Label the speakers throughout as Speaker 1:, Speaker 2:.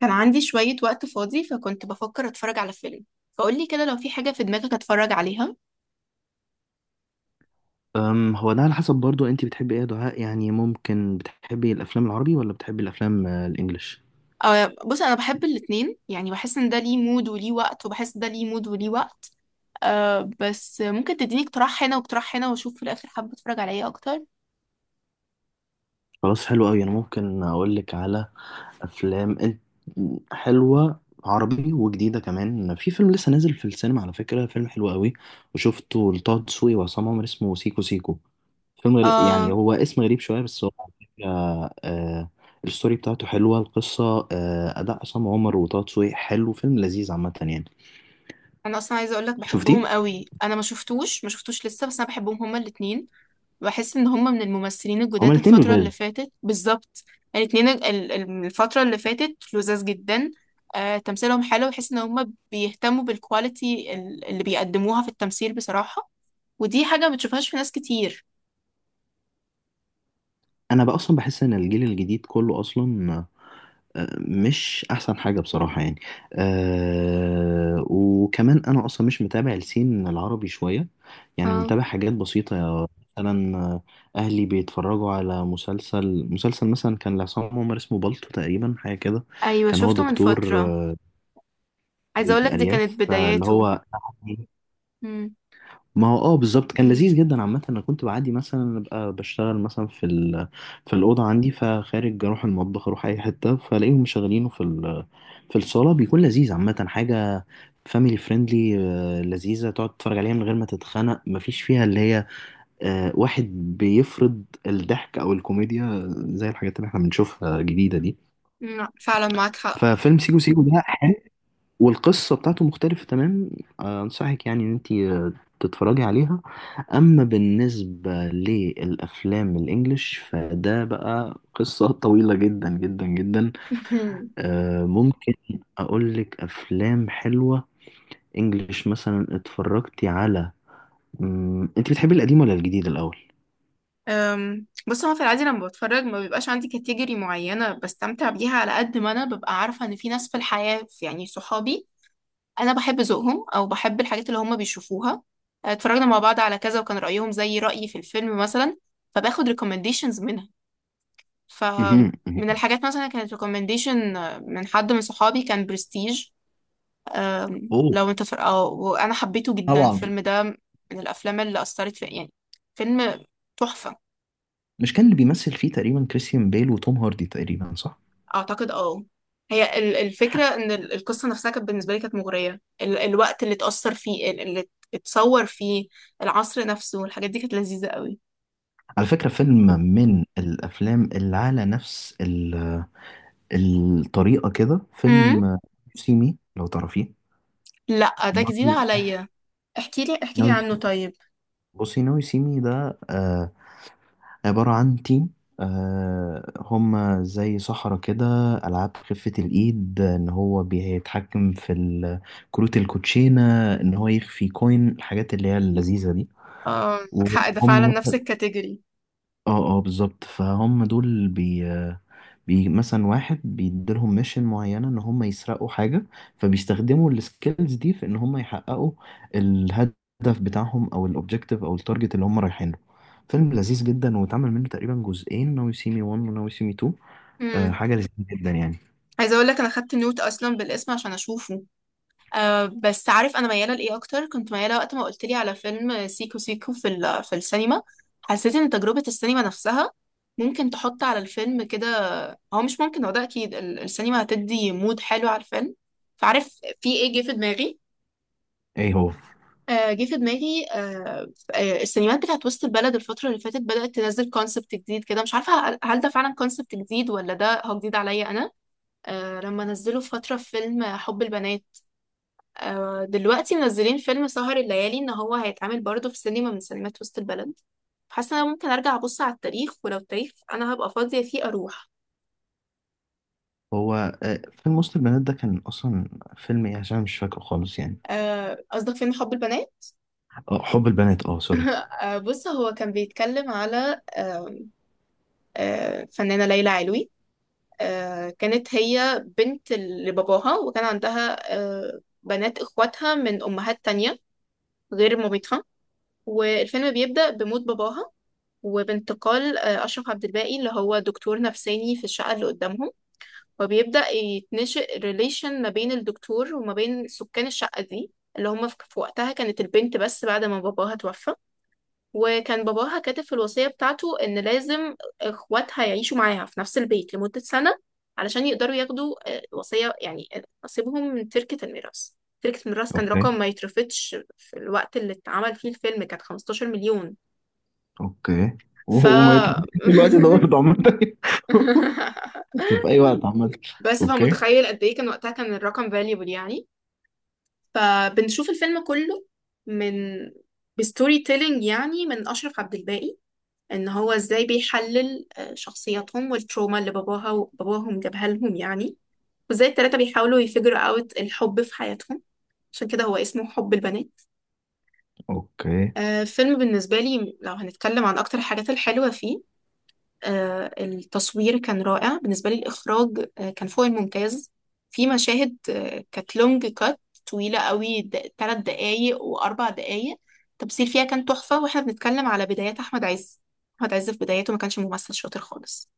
Speaker 1: كان عندي شوية وقت فاضي، فكنت بفكر اتفرج على فيلم. فقولي كده لو في حاجة في دماغك اتفرج عليها.
Speaker 2: هو ده على حسب برضو انت بتحبي ايه يا دعاء؟ يعني ممكن بتحبي الافلام العربي ولا بتحبي الافلام الانجليش؟
Speaker 1: بص انا بحب الاتنين، يعني بحس ان ده ليه مود وليه وقت، وبحس ده ليه مود وليه وقت. بس ممكن تديني اقتراح هنا واقتراح هنا واشوف في الاخر حابة اتفرج على ايه اكتر.
Speaker 2: خلاص، حلو قوي. انا ممكن اقول لك على افلام حلوه عربي وجديده كمان. في فيلم لسه نازل في السينما، على فكره، فيلم حلو قوي وشفته لطه دسوقي وعصام عمر اسمه سيكو سيكو. فيلم يعني
Speaker 1: أه
Speaker 2: هو اسم غريب شويه، بس هو على فكره آه، الستوري بتاعته حلوه، القصه اداء عصام عمر وطه دسوقي حلو. فيلم لذيذ عامه يعني.
Speaker 1: انا اصلا عايزة اقولك بحبهم
Speaker 2: شفتيه؟
Speaker 1: قوي. انا ما شفتوش لسه، بس انا بحبهم هما الاتنين. بحس ان هم من الممثلين
Speaker 2: هما
Speaker 1: الجداد
Speaker 2: الاثنين
Speaker 1: الفترة اللي
Speaker 2: لذاذ.
Speaker 1: فاتت بالظبط. الاتنين، الفترة اللي فاتت لذاذ جدا. تمثيلهم حلو، بحس ان هم بيهتموا بالكواليتي اللي بيقدموها في التمثيل بصراحة. ودي حاجة ما بتشوفهاش في ناس كتير.
Speaker 2: انا بقى اصلا بحس ان الجيل الجديد كله اصلا مش احسن حاجه بصراحه يعني. وكمان انا اصلا مش متابع السين العربي شويه، يعني
Speaker 1: اه،
Speaker 2: متابع حاجات بسيطه. مثلا اهلي بيتفرجوا على مسلسل مثلا كان لعصام عمر اسمه بالطو تقريبا، حاجه كده.
Speaker 1: ايوه
Speaker 2: كان هو
Speaker 1: شفته من
Speaker 2: دكتور
Speaker 1: فترة. عايزة اقولك دي كانت
Speaker 2: الارياف فاللي
Speaker 1: بداياته.
Speaker 2: هو.
Speaker 1: مم.
Speaker 2: ما هو اه بالظبط كان لذيذ جدا عامة. انا كنت بعدي مثلا ابقى بشتغل مثلا في الأوضة عندي، فخارج اروح المطبخ، اروح اي حتة فلاقيهم مشغلينه في الصالة. بيكون لذيذ عامة. حاجة فاميلي فريندلي لذيذة تقعد تتفرج عليها من غير ما تتخنق. مفيش فيها اللي هي واحد بيفرض الضحك او الكوميديا زي الحاجات اللي احنا بنشوفها جديدة دي.
Speaker 1: لا، فعلا معاك حق.
Speaker 2: ففيلم سيكو سيكو ده والقصة بتاعته مختلفة تمام. أنصحك يعني إن أنت تتفرجي عليها. أما بالنسبة للأفلام الإنجليش، فده بقى قصة طويلة جدا جدا جدا. ممكن أقولك أفلام حلوة إنجليش. مثلا اتفرجتي على أنت بتحبي القديم ولا الجديد الأول؟
Speaker 1: بص هو في العادي لما بتفرج ما بيبقاش عندي كاتيجوري معينة بستمتع بيها، على قد ما أنا ببقى عارفة إن في ناس في الحياة يعني صحابي انا بحب ذوقهم او بحب الحاجات اللي هم بيشوفوها. اتفرجنا مع بعض على كذا وكان رايهم زي رايي في الفيلم مثلا، فباخد ريكومنديشنز منها.
Speaker 2: مهم،
Speaker 1: فمن
Speaker 2: مهم.
Speaker 1: الحاجات مثلا كانت ريكومنديشن من حد من صحابي كان برستيج.
Speaker 2: أوه.
Speaker 1: لو انت فر... أو... وانا حبيته جدا.
Speaker 2: طبعا.
Speaker 1: الفيلم ده من الافلام اللي اثرت في يعني، فيلم تحفه.
Speaker 2: مش كان اللي بيمثل فيه تقريبا كريستيان بيل وتوم هاردي تقريبا، صح؟
Speaker 1: اعتقد اه. هي الفكره ان القصه نفسها كانت بالنسبه لي كانت مغريه، الوقت اللي اتاثر فيه اتصور فيه. العصر نفسه والحاجات دي كانت لذيذه قوي.
Speaker 2: على فكرة، فيلم من الأفلام اللي على نفس الطريقة كده
Speaker 1: امم.
Speaker 2: فيلم سيمي، لو تعرفيه.
Speaker 1: لا ده جديد
Speaker 2: برضه صح.
Speaker 1: عليا. احكي لي
Speaker 2: ناوي.
Speaker 1: عنه طيب.
Speaker 2: بصي، ناوي سيمي ده عبارة عن تيم. هم زي صحراء كده، ألعاب خفة الإيد إن هو بيتحكم في كروت الكوتشينة، إن هو يخفي كوين، الحاجات اللي هي اللذيذة دي.
Speaker 1: اه معاك حق، ده فعلا
Speaker 2: وهم
Speaker 1: نفس الكاتيجوري.
Speaker 2: اه اه بالظبط. فهم دول بي مثلا واحد بيديلهم ميشن معينة ان هم يسرقوا حاجة، فبيستخدموا السكيلز دي في ان هم يحققوا الهدف بتاعهم، او الاوبجيكتيف، او التارجت اللي هم رايحين له. فيلم لذيذ جدا. واتعمل منه تقريبا جزئين، ناو يو سي مي 1 وناو يو سي مي 2.
Speaker 1: امم.
Speaker 2: حاجة لذيذة جدا يعني.
Speaker 1: عايزه اقول لك انا خدت نوت اصلا بالاسم عشان اشوفه. بس عارف انا مياله لايه اكتر. كنت مياله وقت ما قلت لي على فيلم سيكو سيكو في السينما. حسيت ان تجربه السينما نفسها ممكن تحط على الفيلم كده، هو مش ممكن، هو ده اكيد السينما هتدي مود حلو على الفيلم. فعارف في ايه جه في دماغي.
Speaker 2: ايه هو؟
Speaker 1: آه، جه في دماغي آه، السينمات بتاعت وسط البلد الفترة اللي فاتت بدأت تنزل كونسبت جديد كده، مش عارفة هل ده فعلا كونسبت جديد ولا ده هو جديد عليا أنا. لما نزلوا في فترة فيلم حب البنات. دلوقتي منزلين فيلم سهر الليالي، إن هو هيتعمل برضه في سينما من سينمات وسط البلد. حاسة إن أنا ممكن أرجع أبص على التاريخ، ولو التاريخ أنا هبقى فاضية فيه أروح.
Speaker 2: هو فيلم وسط البنات ده كان اصلا فيلم ايه؟ عشان مش فاكره خالص يعني.
Speaker 1: قصدك فيلم حب البنات.
Speaker 2: حب البنات، اه، سوري.
Speaker 1: بص هو كان بيتكلم على فنانة ليلى علوي. كانت هي بنت لباباها وكان عندها بنات اخواتها من امهات تانية غير مامتها. والفيلم بيبدأ بموت باباها، وبانتقال أشرف عبد الباقي اللي هو دكتور نفساني في الشقة اللي قدامهم. وبيبدأ يتنشئ ريليشن ما بين الدكتور وما بين سكان الشقة دي اللي هم في وقتها كانت البنت بس بعد ما باباها توفى. وكان باباها كاتب في الوصية بتاعته إن لازم إخواتها يعيشوا معاها في نفس البيت لمدة سنة، علشان يقدروا ياخدوا وصية يعني نصيبهم من تركة الميراث. تركة الميراث كان
Speaker 2: اوكي،
Speaker 1: رقم ما يترفضش، في الوقت اللي اتعمل فيه الفيلم كانت 15 مليون.
Speaker 2: اوكي.
Speaker 1: ف
Speaker 2: وهو ما يترميش في الوقت ده برضه عامة. في اي وقت عامة.
Speaker 1: بس
Speaker 2: اوكي،
Speaker 1: فمتخيل قد ايه كان وقتها كان الرقم فاليبل يعني. فبنشوف الفيلم كله من بستوري تيلينج يعني من أشرف عبد الباقي، ان هو ازاي بيحلل شخصياتهم والتروما اللي باباها وباباهم جابها لهم يعني. وازاي التلاتة بيحاولوا يفجروا اوت الحب في حياتهم، عشان كده هو اسمه حب البنات.
Speaker 2: اوكي.
Speaker 1: فيلم بالنسبة لي، لو هنتكلم عن أكتر الحاجات الحلوة فيه: التصوير كان رائع بالنسبة لي. الإخراج كان فوق الممتاز. في مشاهد كانت لونج كات، طويلة قوي، تلات دقايق وأربع دقايق. التمثيل فيها كان تحفة، واحنا بنتكلم على بدايات أحمد عز. أحمد عز في بدايته ما كانش ممثل شاطر خالص.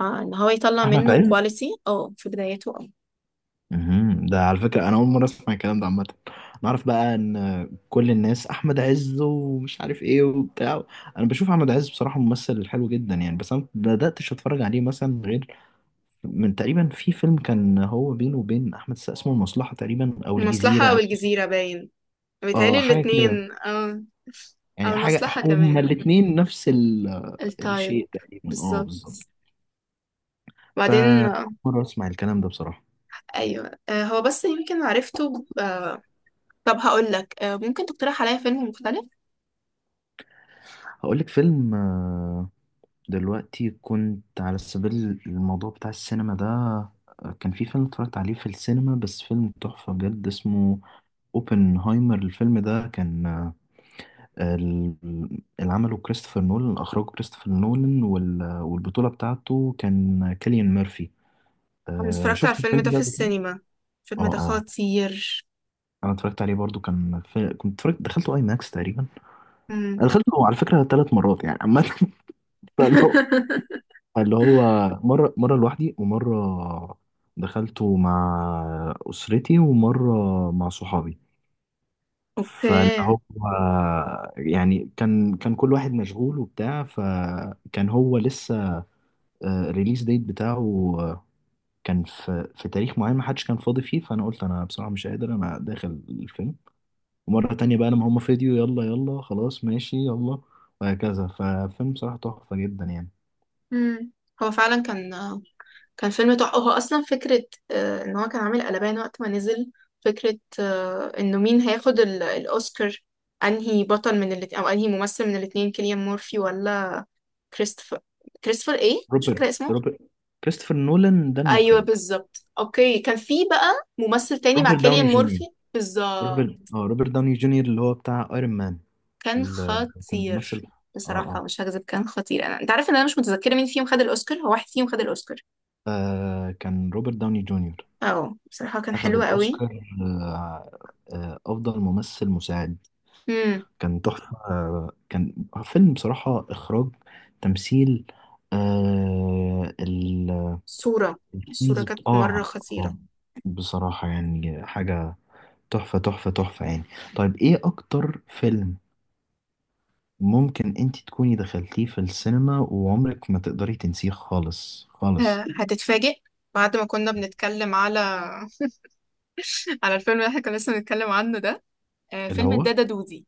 Speaker 1: اه ان هو يطلع
Speaker 2: احمد
Speaker 1: منه
Speaker 2: عز.
Speaker 1: كواليتي اه في بدايته اه.
Speaker 2: مهم. ده على فكرة انا اول مرة اسمع الكلام ده عامة. نعرف بقى ان كل الناس احمد عز ومش عارف ايه وبتاع. انا بشوف احمد عز بصراحة ممثل حلو جدا يعني، بس انا ما بداتش اتفرج عليه مثلا غير من تقريبا في فيلم كان هو بينه وبين احمد السقا اسمه المصلحة تقريبا، او
Speaker 1: المصلحة أو
Speaker 2: الجزيرة.
Speaker 1: الجزيرة باين، بيتهيألي
Speaker 2: اه حاجة كده.
Speaker 1: الاتنين اه. أو
Speaker 2: يعني حاجة
Speaker 1: المصلحة
Speaker 2: هما
Speaker 1: كمان،
Speaker 2: الاتنين نفس
Speaker 1: التايب
Speaker 2: الشيء تقريبا، اه
Speaker 1: بالظبط.
Speaker 2: بالظبط.
Speaker 1: بعدين
Speaker 2: فأول مرة أسمع الكلام ده بصراحة.
Speaker 1: أيوه، هو بس يمكن عرفته ب- آه، طب هقولك، ممكن تقترح عليا فيلم مختلف؟
Speaker 2: هقول لك فيلم. دلوقتي كنت على سبيل الموضوع بتاع السينما ده. كان في فيلم اتفرجت عليه في السينما، بس فيلم تحفة بجد، اسمه اوبنهايمر. الفيلم ده كان ال- اللي عمله كريستوفر نولان، أخرجه كريستوفر نولان والبطولة بتاعته كان كيليان ميرفي.
Speaker 1: أنا اتفرجت على
Speaker 2: شفت
Speaker 1: الفيلم
Speaker 2: الفيلم
Speaker 1: ده
Speaker 2: ده
Speaker 1: في
Speaker 2: قبل كده؟
Speaker 1: السينما. الفيلم
Speaker 2: اه
Speaker 1: ده
Speaker 2: اه.
Speaker 1: خطير.
Speaker 2: انا اتفرجت عليه برضو. كان كنت اتفرجت، دخلته اي ماكس تقريبا.
Speaker 1: مم.
Speaker 2: أنا دخلته على فكره ثلاث مرات يعني عامه. فاللي هو فاللي هو مره لوحدي، ومره دخلته مع اسرتي، ومره مع صحابي. فاللي
Speaker 1: أوكي.
Speaker 2: هو يعني كان كل واحد مشغول وبتاع، فكان هو لسه الريليز ديت بتاعه آه، كان في تاريخ معين ما حدش كان فاضي فيه، فانا قلت انا بصراحه مش قادر، انا داخل الفيلم. ومرة تانية بقى لما هم فيديو، يلا يلا، خلاص ماشي، يلا. وهكذا. ففيلم بصراحة تحفة جدا يعني.
Speaker 1: مم. هو فعلا كان فيلم تحفة. هو أصلا فكرة، إن هو كان عامل قلبان وقت ما نزل. فكرة إنه مين هياخد الأوسكار، أنهي بطل من الاتنين أو أنهي ممثل من الاتنين، كيليان مورفي ولا كريستوفر كريستوفر إيه؟ مش
Speaker 2: روبرت
Speaker 1: فاكرة اسمه.
Speaker 2: روبرت كريستوفر نولان ده
Speaker 1: أيوه
Speaker 2: المخرج.
Speaker 1: بالظبط. أوكي، كان في بقى ممثل تاني مع
Speaker 2: روبرت
Speaker 1: كيليان
Speaker 2: داوني جونيور.
Speaker 1: مورفي.
Speaker 2: روبرت
Speaker 1: بالظبط.
Speaker 2: اه روبرت داوني جونيور اللي هو بتاع ايرون مان،
Speaker 1: كان
Speaker 2: اللي كان بيمثل.
Speaker 1: خطير.
Speaker 2: اه
Speaker 1: بصراحة
Speaker 2: اه.
Speaker 1: مش هكذب، كان خطير. أنا أنت عارف إن أنا مش متذكرة مين فيهم خد الأوسكار، هو واحد فيهم خد الأوسكار.
Speaker 2: كان روبرت داوني جونيور.
Speaker 1: بصراحة كان
Speaker 2: أخذ
Speaker 1: حلو قوي.
Speaker 2: الأوسكار أفضل ممثل مساعد. كان تحفة. كان فيلم بصراحة، إخراج، تمثيل،
Speaker 1: صورة الصورة
Speaker 2: الكنز
Speaker 1: كانت مرة
Speaker 2: اه. اه.
Speaker 1: خطيرة.
Speaker 2: بصراحة يعني حاجة تحفة تحفة تحفة يعني. طيب، ايه اكتر فيلم ممكن انت تكوني دخلتيه في السينما وعمرك ما تقدري تنسيه خالص خالص؟
Speaker 1: هتتفاجئ. بعد ما كنا بنتكلم على على الفيلم اللي احنا كنا لسه بنتكلم عنه ده:
Speaker 2: اللي
Speaker 1: فيلم
Speaker 2: هو
Speaker 1: الدادا دودي.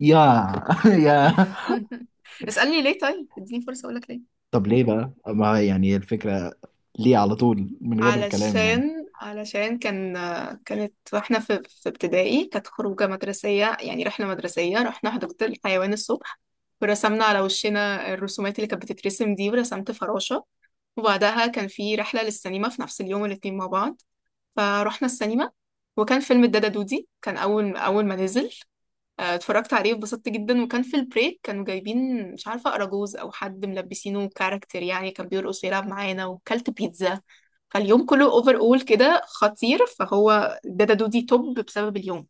Speaker 2: يا يا.
Speaker 1: اسألني ليه طيب، اديني فرصة اقولك ليه.
Speaker 2: طب ليه بقى، ما يعني الفكرة ليه على طول من غير كلام يعني؟
Speaker 1: علشان كانت، واحنا في ابتدائي، كانت خروجة مدرسية يعني رحلة مدرسية، رحنا حديقة الحيوان الصبح. ورسمنا على وشنا الرسومات اللي كانت بتترسم دي، ورسمت فراشة. وبعدها كان في رحلة للسينما في نفس اليوم، الاتنين مع بعض، فروحنا السينما. وكان فيلم الدادا دودي كان أول أول ما نزل. اتفرجت عليه واتبسطت جدا. وكان في البريك كانوا جايبين مش عارفة أراجوز أو حد ملبسينه كاركتر يعني، كان بيرقص ويلعب معانا وكلت بيتزا. فاليوم كله اوفر اول كده خطير، فهو الدادا دودي توب بسبب اليوم.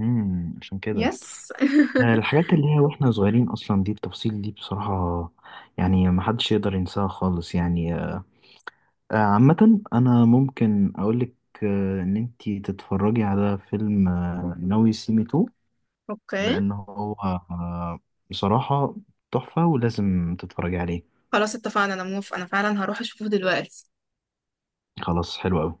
Speaker 2: عشان كده
Speaker 1: يس.
Speaker 2: الحاجات اللي هي واحنا صغيرين اصلا، دي التفاصيل دي بصراحة، يعني ما حدش يقدر ينساها خالص يعني. عامة أنا ممكن أقولك إن أنتي تتفرجي على فيلم ناوي سي مي تو.
Speaker 1: اوكي.
Speaker 2: لأن هو بصراحة تحفة، ولازم تتفرجي عليه.
Speaker 1: خلاص اتفقنا، انا موافقة، انا فعلا هروح اشوفه دلوقتي.
Speaker 2: خلاص، حلو أوي.